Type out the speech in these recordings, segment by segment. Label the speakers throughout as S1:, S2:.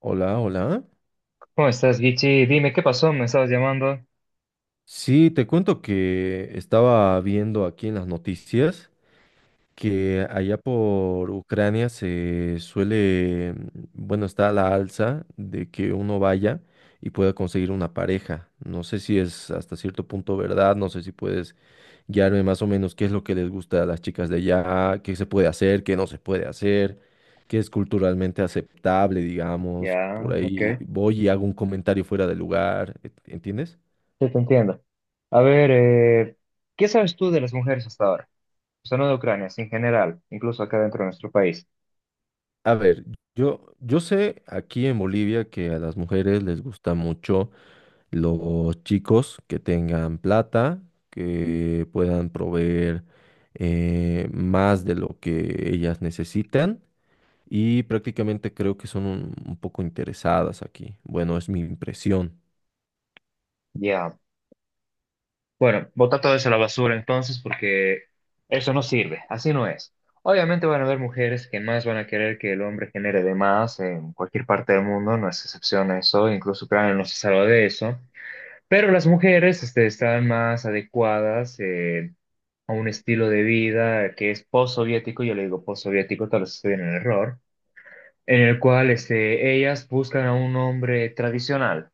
S1: Hola, hola.
S2: ¿Cómo estás, Gichi? Dime, ¿qué pasó? ¿Me estabas llamando?
S1: Sí, te cuento que estaba viendo aquí en las noticias que allá por Ucrania se suele, bueno, está a la alza de que uno vaya y pueda conseguir una pareja. No sé si es hasta cierto punto verdad, no sé si puedes guiarme más o menos qué es lo que les gusta a las chicas de allá, qué se puede hacer, qué no se puede hacer, qué es culturalmente aceptable, digamos. Por
S2: Ya, ok.
S1: ahí voy y hago un comentario fuera de lugar, ¿entiendes?
S2: Sí, te entiendo. A ver, ¿qué sabes tú de las mujeres hasta ahora? O sea, no de Ucrania, sino en general, incluso acá dentro de nuestro país.
S1: A ver, yo sé aquí en Bolivia que a las mujeres les gusta mucho los chicos que tengan plata, que puedan proveer más de lo que ellas necesitan y prácticamente creo que son un poco interesadas aquí. Bueno, es mi impresión.
S2: Ya. Bueno, bota todo eso a la basura entonces, porque eso no sirve, así no es. Obviamente van a haber mujeres que más van a querer que el hombre genere de más en cualquier parte del mundo, no es excepción a eso, incluso Ucrania no se salva de eso. Pero las mujeres, este, están más adecuadas, a un estilo de vida que es postsoviético, yo le digo postsoviético, tal vez estoy en el error, en el cual este, ellas buscan a un hombre tradicional.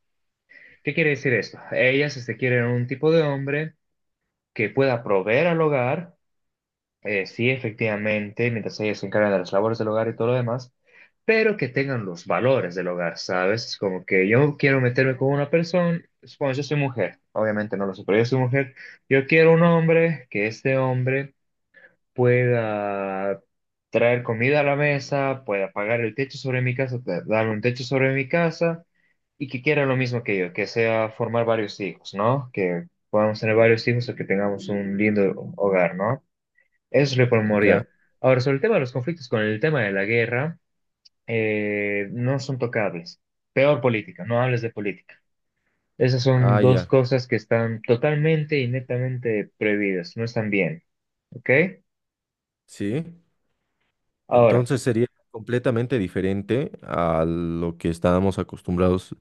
S2: ¿Qué quiere decir esto? Ellas este, quieren un tipo de hombre que pueda proveer al hogar. Sí, efectivamente, mientras ellos se encargan de las labores del hogar y todo lo demás, pero que tengan los valores del hogar, ¿sabes? Es como que yo quiero meterme con una persona, supongo. Yo soy mujer, obviamente no lo sé, pero yo soy mujer, yo quiero un hombre, que este hombre pueda traer comida a la mesa, pueda pagar el techo sobre mi casa, darme un techo sobre mi casa, y que quiera lo mismo que yo, que sea formar varios hijos, ¿no? Que podamos tener varios hijos o que tengamos un lindo hogar, ¿no? Es re
S1: Ya.
S2: Ahora, sobre el tema de los conflictos con el tema de la guerra, no son tocables. Peor política, no hables de política. Esas son
S1: Ah,
S2: dos
S1: ya.
S2: cosas que están totalmente y netamente prohibidas, no están bien, ¿ok?
S1: Sí.
S2: Ahora,
S1: Entonces sería completamente diferente a lo que estábamos acostumbrados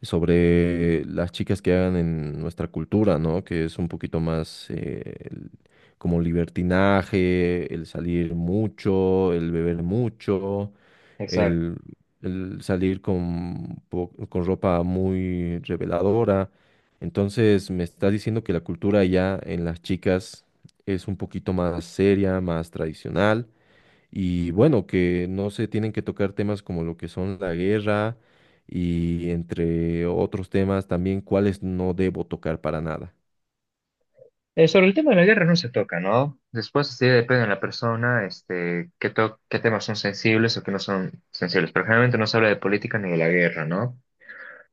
S1: sobre las chicas que hagan en nuestra cultura, ¿no? Que es un poquito más como libertinaje, el salir mucho, el beber mucho,
S2: exacto.
S1: el, el salir con, con ropa muy reveladora. Entonces me está diciendo que la cultura ya en las chicas es un poquito más seria, más tradicional. Y bueno, que no se tienen que tocar temas como lo que son la guerra y entre otros temas también cuáles no debo tocar para nada.
S2: Sobre el tema de la guerra no se toca, ¿no? Después sí depende de la persona, este, qué, qué temas son sensibles o qué no son sensibles, pero generalmente no se habla de política ni de la guerra, ¿no?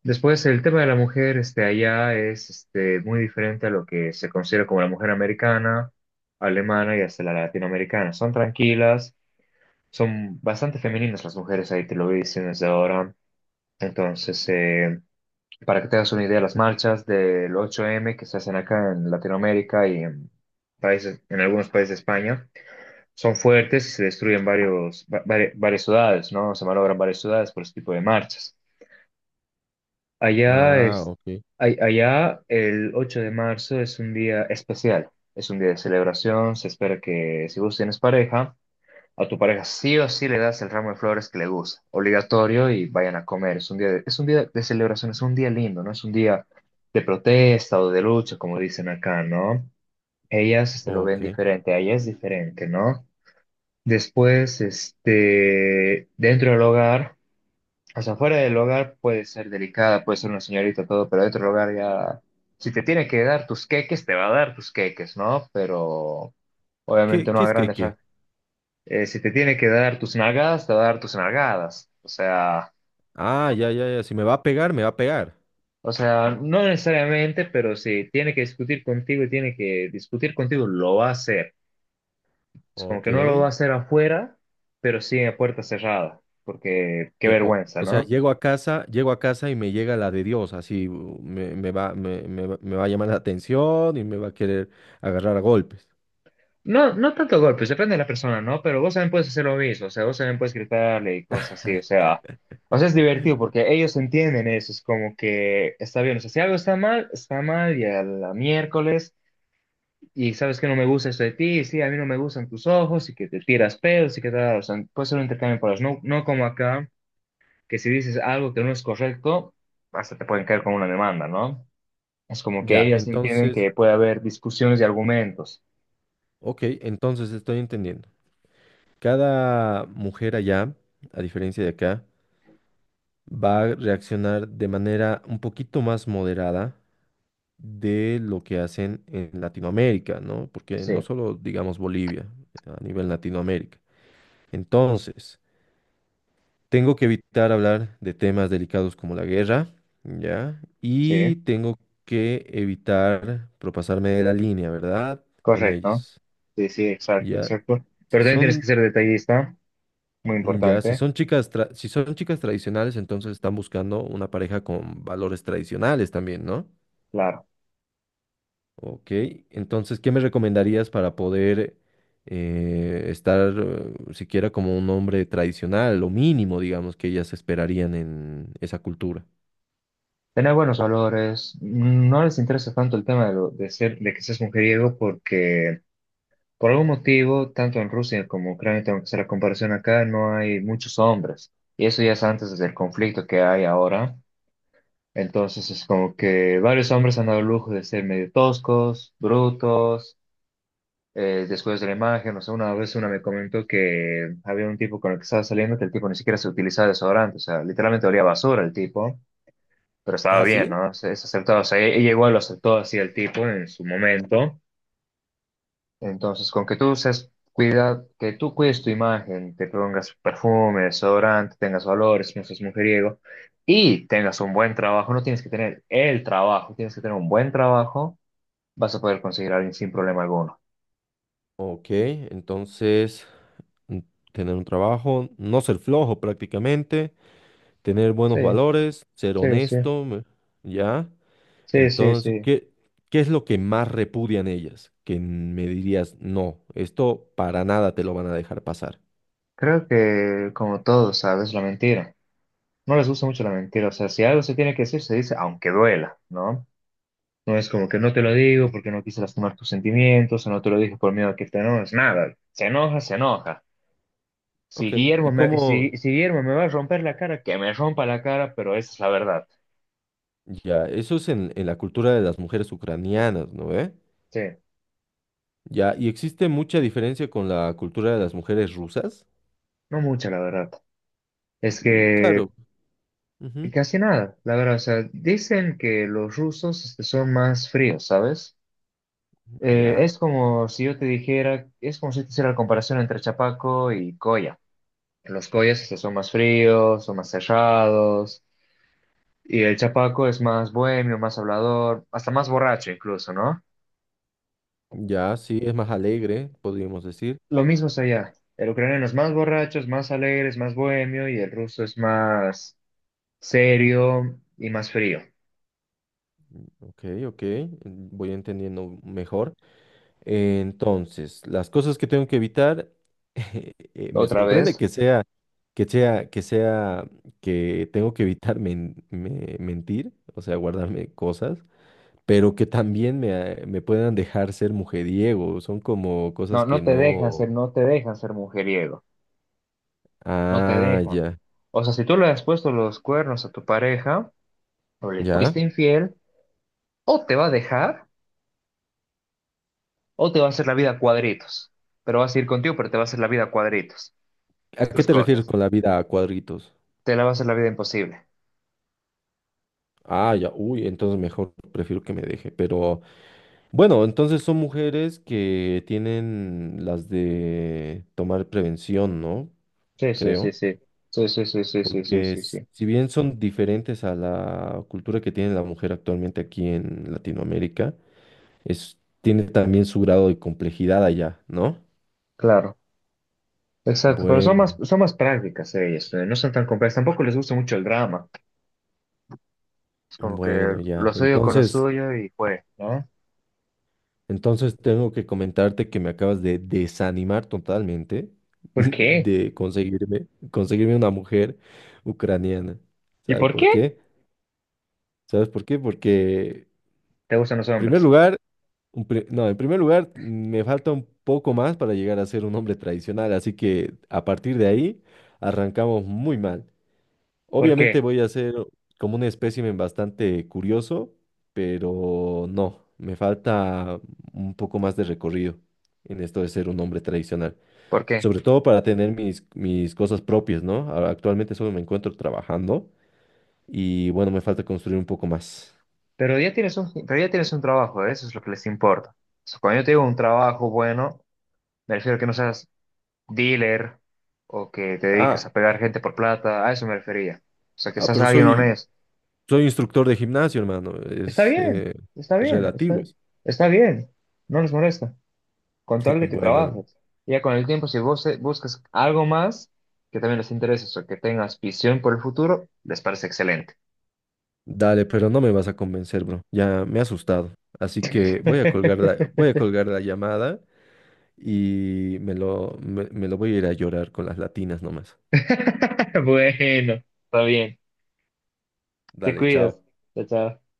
S2: Después, el tema de la mujer este, allá es este, muy diferente a lo que se considera como la mujer americana, alemana y hasta la latinoamericana. Son tranquilas, son bastante femeninas las mujeres ahí, te lo voy diciendo desde ahora. Entonces, para que te hagas una idea, las marchas del 8M que se hacen acá en Latinoamérica y en países, en algunos países de España, son fuertes y se destruyen varios, varias ciudades, ¿no? Se malogran varias ciudades por este tipo de marchas. Allá
S1: Ah,
S2: es,
S1: ok,
S2: Allá el 8 de marzo es un día especial, es un día de celebración, se espera que si vos tienes pareja, a tu pareja sí o sí le das el ramo de flores que le gusta, obligatorio, y vayan a comer. Es un día de, es un día de celebración, es un día lindo, no es un día de protesta o de lucha como dicen acá, ¿no? Ellas este, lo ven
S1: ok.
S2: diferente, a ella es diferente, ¿no? Después, este, dentro del hogar. O sea, fuera del hogar puede ser delicada, puede ser una señorita, todo, pero dentro del hogar ya, si te tiene que dar tus queques, te va a dar tus queques, ¿no? Pero
S1: ¿Qué,
S2: obviamente no
S1: qué
S2: a
S1: es que
S2: grandes
S1: qué?
S2: si te tiene que dar tus nalgadas, te va a dar tus nalgadas.
S1: Ah, ya, ya, ya. Si me va a pegar, me va a pegar.
S2: O sea, no necesariamente, pero si tiene que discutir contigo y tiene que discutir contigo, lo va a hacer. Es como
S1: Ok.
S2: que no lo va a hacer afuera, pero sí a puerta cerrada, porque qué
S1: O,
S2: vergüenza,
S1: o sea,
S2: ¿no?
S1: llego a casa y me llega la de Dios, así me va a llamar la atención y me va a querer agarrar a golpes.
S2: No, no tanto golpes, depende de la persona, ¿no? Pero vos también puedes hacer lo mismo, o sea, vos también puedes gritarle y cosas así, o sea, es divertido porque ellos entienden eso, es como que está bien, o sea, si algo está mal y a la miércoles, y sabes que no me gusta esto de ti, y sí, a mí no me gustan tus ojos, y que te tiras pedos, y que tal, o sea, puede ser un intercambio por las, no, no como acá, que si dices algo que no es correcto, hasta te pueden caer con una demanda, ¿no? Es como que
S1: Ya,
S2: ellas entienden
S1: entonces,
S2: que puede haber discusiones y argumentos,
S1: ok, entonces estoy entendiendo. Cada mujer allá, a diferencia de acá, va a reaccionar de manera un poquito más moderada de lo que hacen en Latinoamérica, ¿no? Porque no
S2: sí,
S1: solo digamos Bolivia, a nivel Latinoamérica. Entonces, tengo que evitar hablar de temas delicados como la guerra, ¿ya?
S2: sí.
S1: Y tengo que evitar propasarme de la línea, ¿verdad? Con
S2: Correcto.
S1: ellas,
S2: Sí, sí, exacto,
S1: ¿ya?
S2: exacto.
S1: Si
S2: Pero también tienes que
S1: son.
S2: ser detallista, muy
S1: Ya, si
S2: importante,
S1: son chicas, si son chicas tradicionales, entonces están buscando una pareja con valores tradicionales también, ¿no?
S2: claro.
S1: Ok, entonces, ¿qué me recomendarías para poder estar siquiera como un hombre tradicional, lo mínimo, digamos, que ellas esperarían en esa cultura?
S2: Tener buenos valores. No les interesa tanto el tema de, de ser, de que seas mujeriego, porque por algún motivo, tanto en Rusia como Ucrania, tengo que hacer la comparación acá, no hay muchos hombres. Y eso ya es antes del conflicto que hay ahora. Entonces es como que varios hombres han dado el lujo de ser medio toscos, brutos. Después de la imagen, o sea, una vez una me comentó que había un tipo con el que estaba saliendo que el tipo ni siquiera se utilizaba desodorante, o sea, literalmente olía a basura el tipo, pero estaba
S1: ¿Ah,
S2: bien,
S1: sí?
S2: ¿no? Se aceptaba, o sea, ella igual lo aceptó así el tipo en su momento. Entonces, con que tú seas, cuida, que tú cuides tu imagen, te pongas perfume, desodorante, tengas valores, no seas mujeriego y tengas un buen trabajo, no tienes que tener el trabajo, tienes que tener un buen trabajo, vas a poder conseguir a alguien sin problema alguno.
S1: Ok, entonces, mm, tener un trabajo, no ser flojo prácticamente, tener
S2: Sí,
S1: buenos valores, ser
S2: sí, sí.
S1: honesto, me. ¿Ya?
S2: Sí, sí,
S1: Entonces,
S2: sí.
S1: qué es lo que más repudian ellas? Que me dirías, no, esto para nada te lo van a dejar pasar.
S2: Creo que como todos, ¿sabes? La mentira. No les gusta mucho la mentira. O sea, si algo se tiene que decir, se dice, aunque duela, ¿no? No es como que no te lo digo
S1: Ya.
S2: porque no quise lastimar tus sentimientos, o no te lo dije por miedo a que te enojes, nada. Se enoja, se enoja. Si
S1: Ok,
S2: Guillermo
S1: ¿y
S2: me, si,
S1: cómo?
S2: si Guillermo me va a romper la cara, que me rompa la cara, pero esa es la verdad.
S1: Ya, eso es en la cultura de las mujeres ucranianas, ¿no ve?
S2: Sí,
S1: Ya, ¿y existe mucha diferencia con la cultura de las mujeres rusas?
S2: no mucha la verdad. Es
S1: Mm,
S2: que
S1: claro. Ujú.
S2: casi nada, la verdad. O sea, dicen que los rusos este, son más fríos, ¿sabes?
S1: Ya,
S2: Es como si yo te dijera, es como si te hiciera la comparación entre Chapaco y Coya. Los Coyas este, son más fríos, son más cerrados, y el Chapaco es más bohemio, más hablador, hasta más borracho incluso, ¿no?
S1: ya, sí, es más alegre, podríamos decir.
S2: Lo mismo es allá. El ucraniano es más borracho, es más alegre, es más bohemio, y el ruso es más serio y más frío.
S1: Ok, ok, voy entendiendo mejor. Entonces, las cosas que tengo que evitar, me
S2: Otra
S1: sorprende
S2: vez,
S1: que sea, que sea, que sea, que tengo que evitar mentir, o sea, guardarme cosas, pero que también me puedan dejar ser mujeriego. Son como cosas
S2: no,
S1: que
S2: no te dejan
S1: no.
S2: ser, no te dejan ser mujeriego, no te
S1: Ah,
S2: dejan.
S1: ya,
S2: O sea, si tú le has puesto los cuernos a tu pareja, o le
S1: ya.
S2: fuiste infiel, o te va a dejar o te va a hacer la vida a cuadritos. Pero va a seguir contigo, pero te va a hacer la vida a cuadritos.
S1: ¿A
S2: Tú
S1: qué te refieres
S2: escoges.
S1: con la vida a cuadritos?
S2: Te la va a hacer la vida imposible.
S1: Ah, ya, uy, entonces mejor prefiero que me deje, pero. Bueno, entonces son mujeres que tienen las de tomar prevención, ¿no?
S2: Sí, sí, sí,
S1: Creo,
S2: sí. Sí, sí, sí, sí, sí, sí,
S1: porque
S2: sí, sí.
S1: si bien son diferentes a la cultura que tiene la mujer actualmente aquí en Latinoamérica, es, tiene también su grado de complejidad allá, ¿no?
S2: Claro. Exacto, pero
S1: Bueno,
S2: son más prácticas ellas, no son tan complejas, tampoco les gusta mucho el drama, es como que
S1: bueno, ya.
S2: lo suyo con lo
S1: Entonces,
S2: suyo y fue, ¿no?
S1: entonces tengo que comentarte que me acabas de desanimar totalmente
S2: ¿Por qué?
S1: de conseguirme, conseguirme una mujer ucraniana.
S2: ¿Y
S1: ¿Sabe
S2: por
S1: por
S2: qué
S1: qué? ¿Sabes por qué? Porque, en
S2: te gustan los
S1: primer
S2: hombres?
S1: lugar, no, en primer lugar, me falta un poco más para llegar a ser un hombre tradicional, así que a partir de ahí arrancamos muy mal.
S2: ¿Por qué?
S1: Obviamente voy a ser como un espécimen bastante curioso, pero no, me falta un poco más de recorrido en esto de ser un hombre tradicional,
S2: ¿Por qué?
S1: sobre todo para tener mis cosas propias, ¿no? Ahora, actualmente solo me encuentro trabajando y bueno, me falta construir un poco más.
S2: Pero ya tienes un, pero ya tienes un trabajo, ¿eh? Eso es lo que les importa. So, cuando yo te digo un trabajo bueno, me refiero a que no seas dealer o que te dediques
S1: Ah,
S2: a pegar gente por plata, a eso me refería. O sea, que
S1: ah,
S2: seas
S1: pero
S2: alguien
S1: soy,
S2: honesto.
S1: soy instructor de gimnasio, hermano.
S2: Está bien, está
S1: Es
S2: bien,
S1: relativo.
S2: está,
S1: Es
S2: está bien, no les molesta, con tal de que
S1: bueno, no,
S2: trabajes. Y ya con el tiempo, si vos buscas algo más que también les interese o que tengas visión por el futuro, les parece excelente.
S1: dale, pero no me vas a convencer, bro. Ya me he asustado. Así que voy a colgar la, voy a colgar la llamada y me lo voy a ir a llorar con las latinas nomás.
S2: Bueno, está bien, te
S1: Dale,
S2: cuidas,
S1: chao.
S2: chao. Chao.